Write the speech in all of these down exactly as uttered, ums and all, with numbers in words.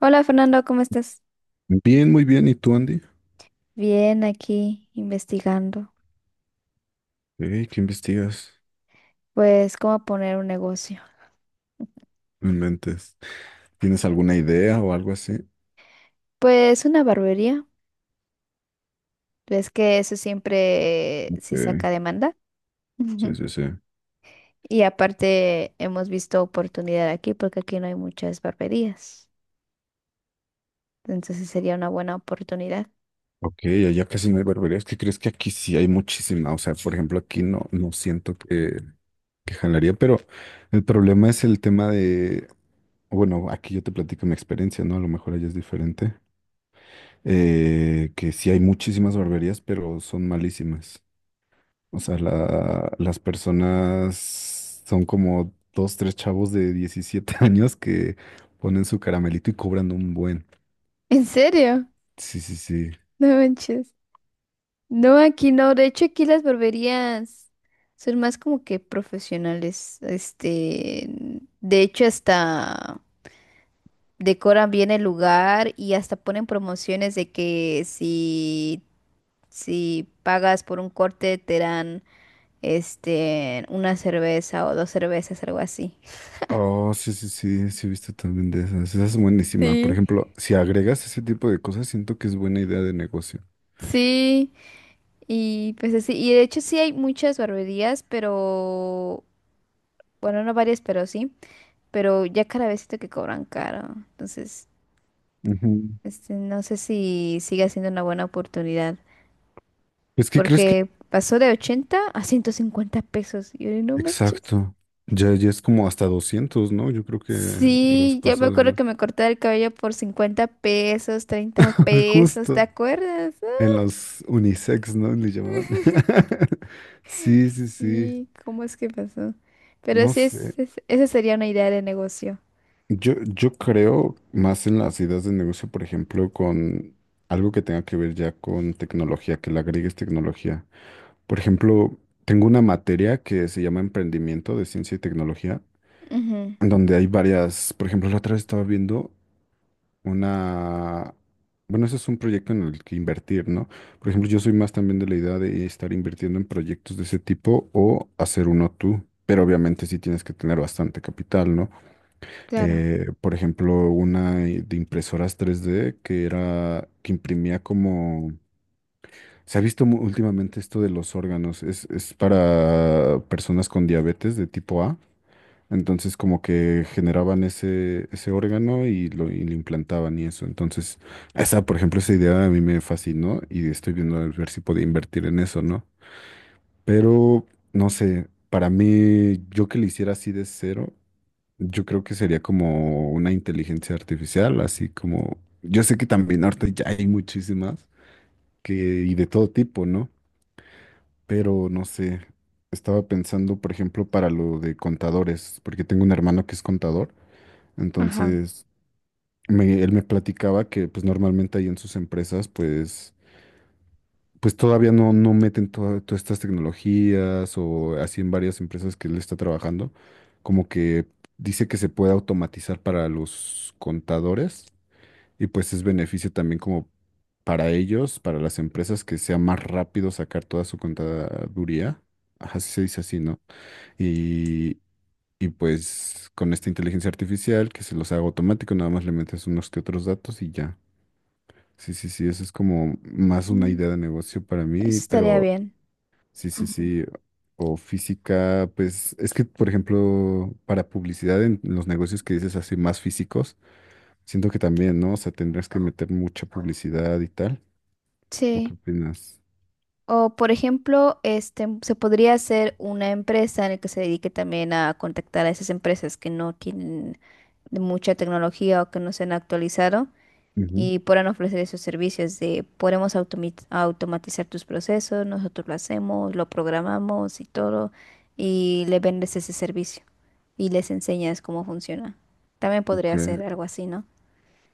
Hola Fernando, ¿cómo estás? Bien, muy bien. ¿Y tú, Andy? Bien, aquí investigando, Ey, ¿qué investigas? pues cómo poner un negocio. No inventes. ¿Tienes alguna idea o algo así? Pues una barbería, ves que eso siempre sí Eh, saca demanda. sí, sí, sí. Y aparte hemos visto oportunidad aquí porque aquí no hay muchas barberías. Entonces sería una buena oportunidad. Ok, allá casi no hay barberías. ¿Qué crees que aquí sí hay muchísima? O sea, por ejemplo, aquí no, no siento que, que jalaría, pero el problema es el tema de, bueno, aquí yo te platico mi experiencia, ¿no? A lo mejor allá es diferente. Eh, que sí hay muchísimas barberías, pero son malísimas. O sea, la- las personas son como dos, tres chavos de diecisiete años que ponen su caramelito y cobran un buen. ¿En serio? Sí, sí, sí. No manches. No, aquí no. De hecho, aquí las barberías son más como que profesionales. Este, de hecho, hasta decoran bien el lugar y hasta ponen promociones de que si, si pagas por un corte te dan este una cerveza o dos cervezas, algo así. Oh, sí, sí, sí, sí, he visto también de esas. Esa es buenísima. Por Sí, ejemplo, si agregas ese tipo de cosas, siento que es buena idea de negocio. sí, y pues así, y de hecho sí hay muchas barberías, pero bueno, no varias, pero sí, pero ya cada vez siento que cobran caro, entonces Ujú. este, no sé si sigue siendo una buena oportunidad, Pues, ¿qué crees que? porque pasó de ochenta a ciento cincuenta pesos, y yo, no manches. Exacto. Ya, ya es como hasta doscientos, ¿no? Yo creo que los Sí, yo me pasos de acuerdo la- que me corté el cabello por cincuenta pesos, 30 pesos, ¿te justo. acuerdas? Ah, En los unisex, ¿no? Le llamaban. Sí, sí, sí. sí, ¿cómo es que pasó? Pero No sí, es, sé, es- esa sería una idea de negocio. yo, yo creo más en las ideas de negocio, por ejemplo, con algo que tenga que ver ya con tecnología, que le agregues tecnología. Por ejemplo, tengo una materia que se llama Emprendimiento de Ciencia y Tecnología, Ujú, donde hay varias, por ejemplo, la otra vez estaba viendo una, bueno, ese es un proyecto en el que invertir, ¿no? Por ejemplo, yo soy más también de la idea de estar invirtiendo en proyectos de ese tipo o hacer uno tú, pero obviamente sí tienes que tener bastante capital, ¿no? claro, Eh, por ejemplo, una de impresoras tres D que era, que imprimía como, se ha visto mu- últimamente esto de los órganos, es, es para personas con diabetes de tipo A, entonces como que generaban ese, ese órgano y lo, y lo implantaban y eso, entonces esa, por ejemplo, esa idea a mí me fascinó y estoy viendo a ver si podía invertir en eso, ¿no? Pero, no sé, para mí, yo que lo hiciera así de cero. Yo creo que sería como una inteligencia artificial, así como... Yo sé que también ahorita ya hay muchísimas que, y de todo tipo, ¿no? Pero no sé, estaba pensando, por ejemplo, para lo de contadores, porque tengo un hermano que es contador, ajá. entonces me- él me platicaba que pues normalmente ahí en sus empresas pues... Pues todavía no, no meten toda- todas estas tecnologías o así en varias empresas que él está trabajando, como que dice que se puede automatizar para los contadores. Y pues es beneficio también como para ellos, para las empresas, que sea más rápido sacar toda su contaduría. Ajá, sí se dice así, ¿no? Y, y pues con esta inteligencia artificial que se los haga automático, nada más le metes unos que otros datos y ya. Sí, sí, sí, eso es como más una Mm, idea de negocio para eso mí, estaría pero bien. sí, sí, Ujú, sí. O física, pues es que, por ejemplo, para publicidad en los negocios que dices así más físicos. Siento que también, ¿no? O sea, tendrías que meter mucha publicidad y tal. ¿O qué sí. opinas? O, por ejemplo, este, se podría hacer una empresa en la que se dedique también a contactar a esas empresas que no tienen de mucha tecnología o que no se han actualizado Ujú. y podrán ofrecer esos servicios de podemos automi- automatizar tus procesos, nosotros lo hacemos, lo programamos y todo, y le vendes ese servicio y les enseñas cómo funciona. También podría Ok, hacer algo así, ¿no?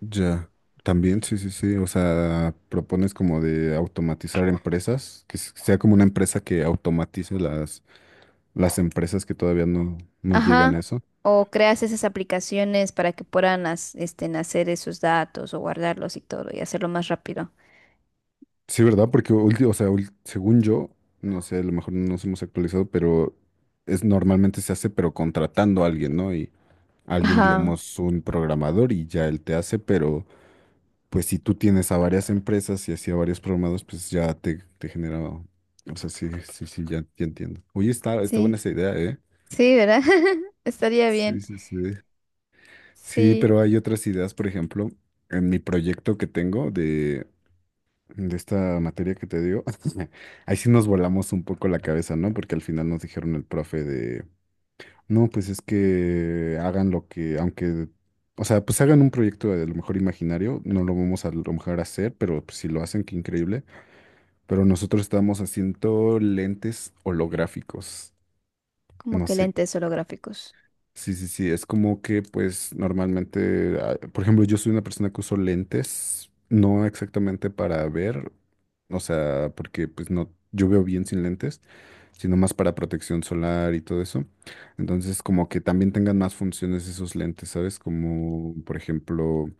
ya. También, sí, sí, sí. O sea, propones como de automatizar empresas, que s- sea como una empresa que automatice las, las empresas que todavía no, no llegan a Ajá. eso. O creas esas aplicaciones para que puedan haz- este, hacer esos datos o guardarlos y todo y hacerlo más rápido. Sí, ¿verdad? Porque, ulti- o sea, ul- según yo, no sé, a lo mejor no nos hemos actualizado, pero es normalmente se hace, pero contratando a alguien, ¿no? Y alguien, Ajá. digamos, un programador y ya él te hace, pero pues si tú tienes a varias empresas y así a varios programados, pues ya te, te genera, o sea, sí, sí, sí, ya, ya entiendo. Oye, está, está buena Sí. esa idea, ¿eh? Sí, ¿verdad? Estaría Sí, bien. sí, sí. Sí, Sí. pero hay otras ideas, por ejemplo, en mi proyecto que tengo de, de esta materia que te digo, ahí sí nos volamos un poco la cabeza, ¿no? Porque al final nos dijeron el profe de, no, pues es que hagan lo que, aunque... O sea, pues hagan un proyecto de, lo mejor imaginario, no lo vamos a, a lo mejor a hacer, pero pues, si lo hacen, qué increíble. Pero nosotros estábamos haciendo lentes holográficos. Como No que sé. lentes holográficos. Sí, sí, sí. Es como que, pues, normalmente, ah, por ejemplo, yo soy una persona que uso lentes, no exactamente para ver, o sea, porque pues no, yo veo bien sin lentes, sino más para protección solar y todo eso. Entonces, como que también tengan más funciones esos lentes, ¿sabes? Como, por ejemplo,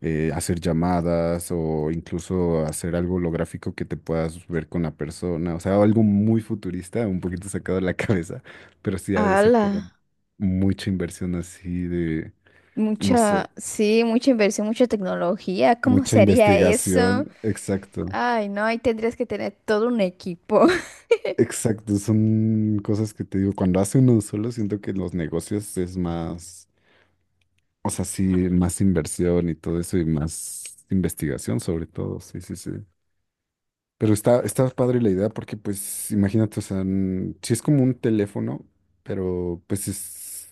eh, hacer llamadas o incluso hacer algo holográfico que te puedas ver con la persona. O sea, algo muy futurista, un poquito sacado de la cabeza, pero sí ha de ser ¡Hala! como mucha inversión así de, no sé, Mucha, sí, mucha inversión, mucha tecnología. ¿Cómo mucha se haría eso? investigación. Exacto. Ay, no, ahí tendrías que tener todo un equipo. Exacto, son cosas que te digo, cuando hace uno solo siento que los negocios es más, o sea, sí, más inversión y todo eso y más investigación sobre todo, sí, sí, sí. Pero está, está padre la idea porque, pues, imagínate, o sea, mm, sí es como un teléfono, pero pues es-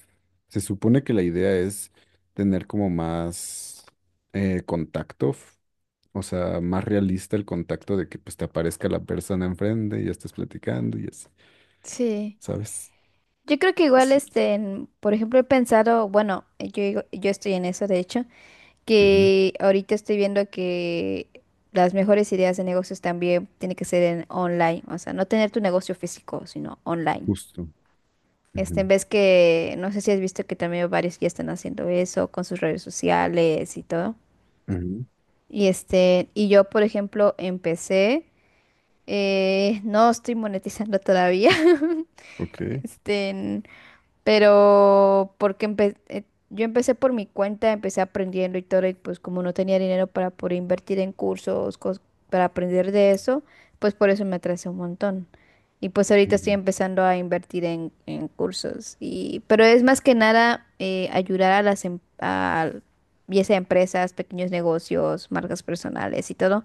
se supone que la idea es tener como más eh, contacto, f- o sea, más realista el contacto de que pues te aparezca la persona enfrente y ya estás platicando y así, Sí. ¿sabes? Yo creo que igual, Sí, este, en- por ejemplo, he pensado, bueno, yo, digo- yo estoy en eso, de hecho, ujú, que ahorita estoy viendo que las mejores ideas de negocios también tienen que ser en online, o sea, no tener tu negocio físico, sino online. justo. Este, en Ujú, vez que, no sé si has visto que también varios ya están haciendo eso con sus redes sociales y todo. ujú, Y este, y yo, por ejemplo, empecé, eh, no estoy monetizando todavía. ok. Este, pero porque empe- eh, yo empecé por mi cuenta, empecé aprendiendo y todo, y pues como no tenía dinero para poder invertir en cursos, cos- para aprender de eso, pues por eso me atrasé un montón. Y pues ahorita estoy Ujú. empezando a invertir en, en cursos. Y, pero es más que nada eh, ayudar a las em- a, ya sea empresas, pequeños negocios, marcas personales y todo,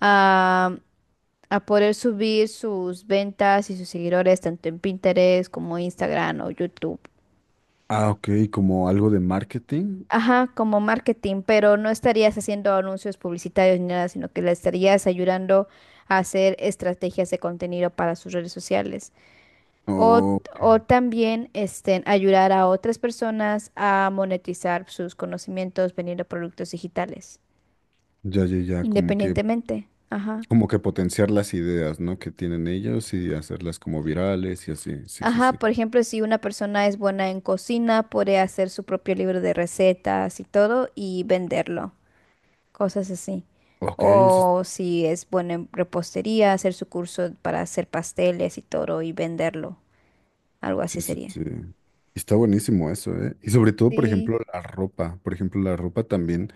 a, a poder subir sus ventas y sus seguidores tanto en Pinterest como Instagram o YouTube. Ah, ok, como algo de marketing. Ajá, como marketing, pero no estarías haciendo anuncios publicitarios ni nada, sino que le estarías ayudando a hacer estrategias de contenido para sus redes sociales. O, O o también este, ayudar a otras personas a monetizar sus conocimientos vendiendo productos digitales, ya, ya, ya, como que. independientemente. Ajá. Como que potenciar las ideas, ¿no? Que tienen ellos y hacerlas como virales y así. Sí, sí, Ajá, sí. por ejemplo, si una persona es buena en cocina, puede hacer su propio libro de recetas y todo y venderlo. Cosas así. Ok, eso es- O si es bueno en repostería, hacer su curso para hacer pasteles y todo y venderlo. Algo así sí, sí, sería. sí. Está buenísimo eso, ¿eh? Y sobre todo, por Sí, ejemplo, la ropa. Por ejemplo, la ropa también.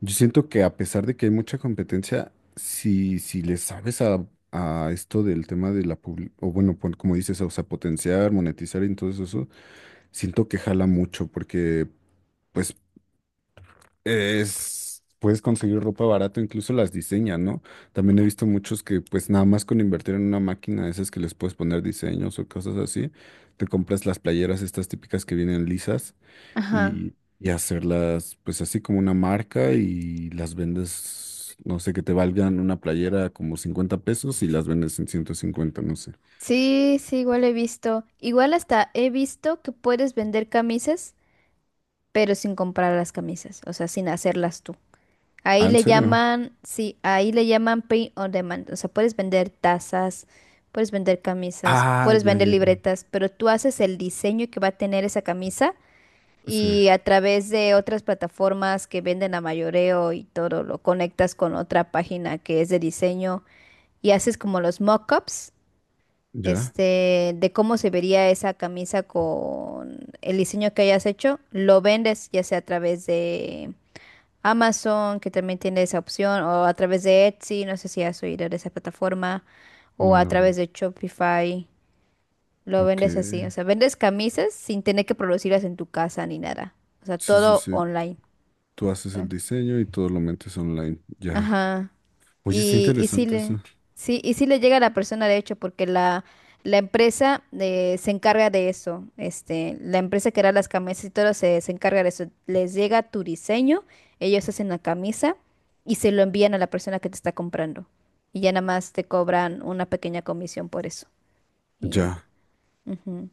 Yo siento que a pesar de que hay mucha competencia, si, si le sabes a, a esto del tema de la publi- o bueno, pon- como dices, o sea, potenciar, monetizar y todo eso, siento que jala mucho porque, pues es, puedes conseguir ropa barato, incluso las diseñan, ¿no? También he visto muchos que pues nada más con invertir en una máquina de esas que les puedes poner diseños o cosas así, te compras las playeras estas típicas que vienen lisas ajá. y, y hacerlas pues así como una marca y las vendes, no sé, que te valgan una playera como cincuenta pesos y las vendes en ciento cincuenta no sé. Sí, sí, igual he visto. Igual hasta he visto que puedes vender camisas, pero sin comprar las camisas, o sea, sin hacerlas tú. Ah, Ahí ¿en le serio? llaman, sí, ahí le llaman pay on demand. O sea, puedes vender tazas, puedes vender camisas, Ah, puedes ya, vender ya. libretas, pero tú haces el diseño que va a tener esa camisa Sí, y a través de otras plataformas que venden a mayoreo y todo, lo conectas con otra página que es de diseño y haces como los mockups, ya. este, de cómo se vería esa camisa con el diseño que hayas hecho, lo vendes ya sea a través de Amazon, que también tiene esa opción, o a través de Etsy, no sé si has oído de esa plataforma, o No, a la verdad. través de Shopify. Lo Ok. vendes así, o sea, vendes camisas sin tener que producirlas en tu casa ni nada. O sea, Sí, sí, todo sí. online. Tú haces el diseño y todo lo metes online. Ya. Ajá. Oye, está Y, y sí interesante le, eso. sí, y sí le llega a la persona, de hecho, porque la, la empresa eh, se encarga de eso. Este, la empresa que hará las camisas y todo se, se encarga de eso. Les llega tu diseño, ellos hacen la camisa y se lo envían a la persona que te está comprando. Y ya nada más te cobran una pequeña comisión por eso. Y ya. Ya. Ujú.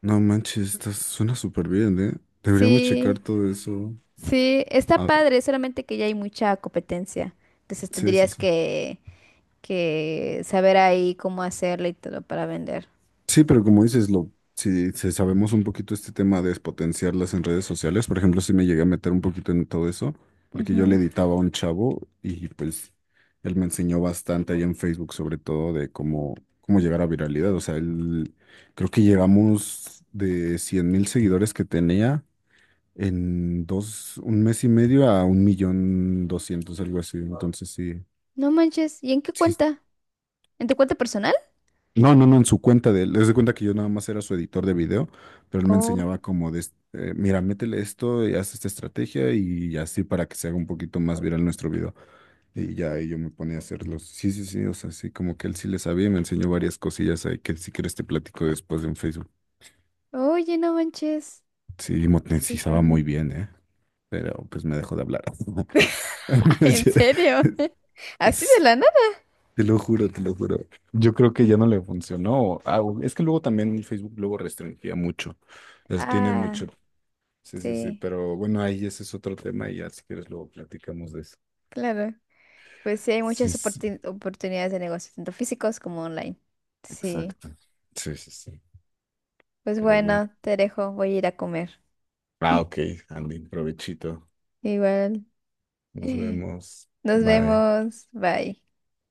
No manches, está, suena súper bien, ¿eh? Deberíamos checar Sí. todo eso. Sí, está Ah, padre, solamente que ya hay mucha competencia. Entonces sí, sí, tendrías sí. que, que saber ahí cómo hacerle y todo para vender. Sí, pero como dices, lo, si, si sabemos un poquito este tema de potenciarlas en redes sociales, por ejemplo, si me llegué a meter un poquito en todo eso, porque yo le Ujú. editaba a un chavo y pues él me enseñó bastante ahí en Facebook, sobre todo de cómo, cómo llegar a viralidad. O sea, él, creo que llegamos de cien mil seguidores que tenía en dos, un mes y medio a un millón doscientos, algo así. Entonces sí, No manches, ¿y en qué sí es- cuenta? ¿En tu cuenta personal? no, no, no, en su cuenta de él. Les de cuenta que yo nada más era su editor de video, pero él me Oh, enseñaba como de, es- eh, mira, métele esto y haz esta estrategia y así para que se haga un poquito más viral nuestro video. Y ya ahí yo me ponía a hacerlos. Sí, sí, sí, o sea, sí, como que él sí le sabía y me enseñó varias cosillas ahí que si quieres te platico después en Facebook. oye, no manches. Sí, Qué monetizaba muy padre. bien, ¿eh? Pero pues me dejó de hablar. ¿En serio? ¿Así de la nada? Te lo juro, te lo juro. Yo creo que ya no le funcionó. Ah, u- es que luego también el Facebook luego restringía mucho. Las tiene mucho. Ah, Sí, sí, sí. sí, Pero bueno, ahí ese es otro tema y ya si quieres luego platicamos de eso. claro. Pues sí, hay Sí, muchas sí, oportun- oportunidades de negocio, tanto físicos como online. Sí, exacto. Sí, sí, sí. pues Pero bueno. bueno, te dejo, voy a ir a comer. Ah, ok, Andy, provechito. Igual. Nos vemos. Nos Bye. vemos. Bye.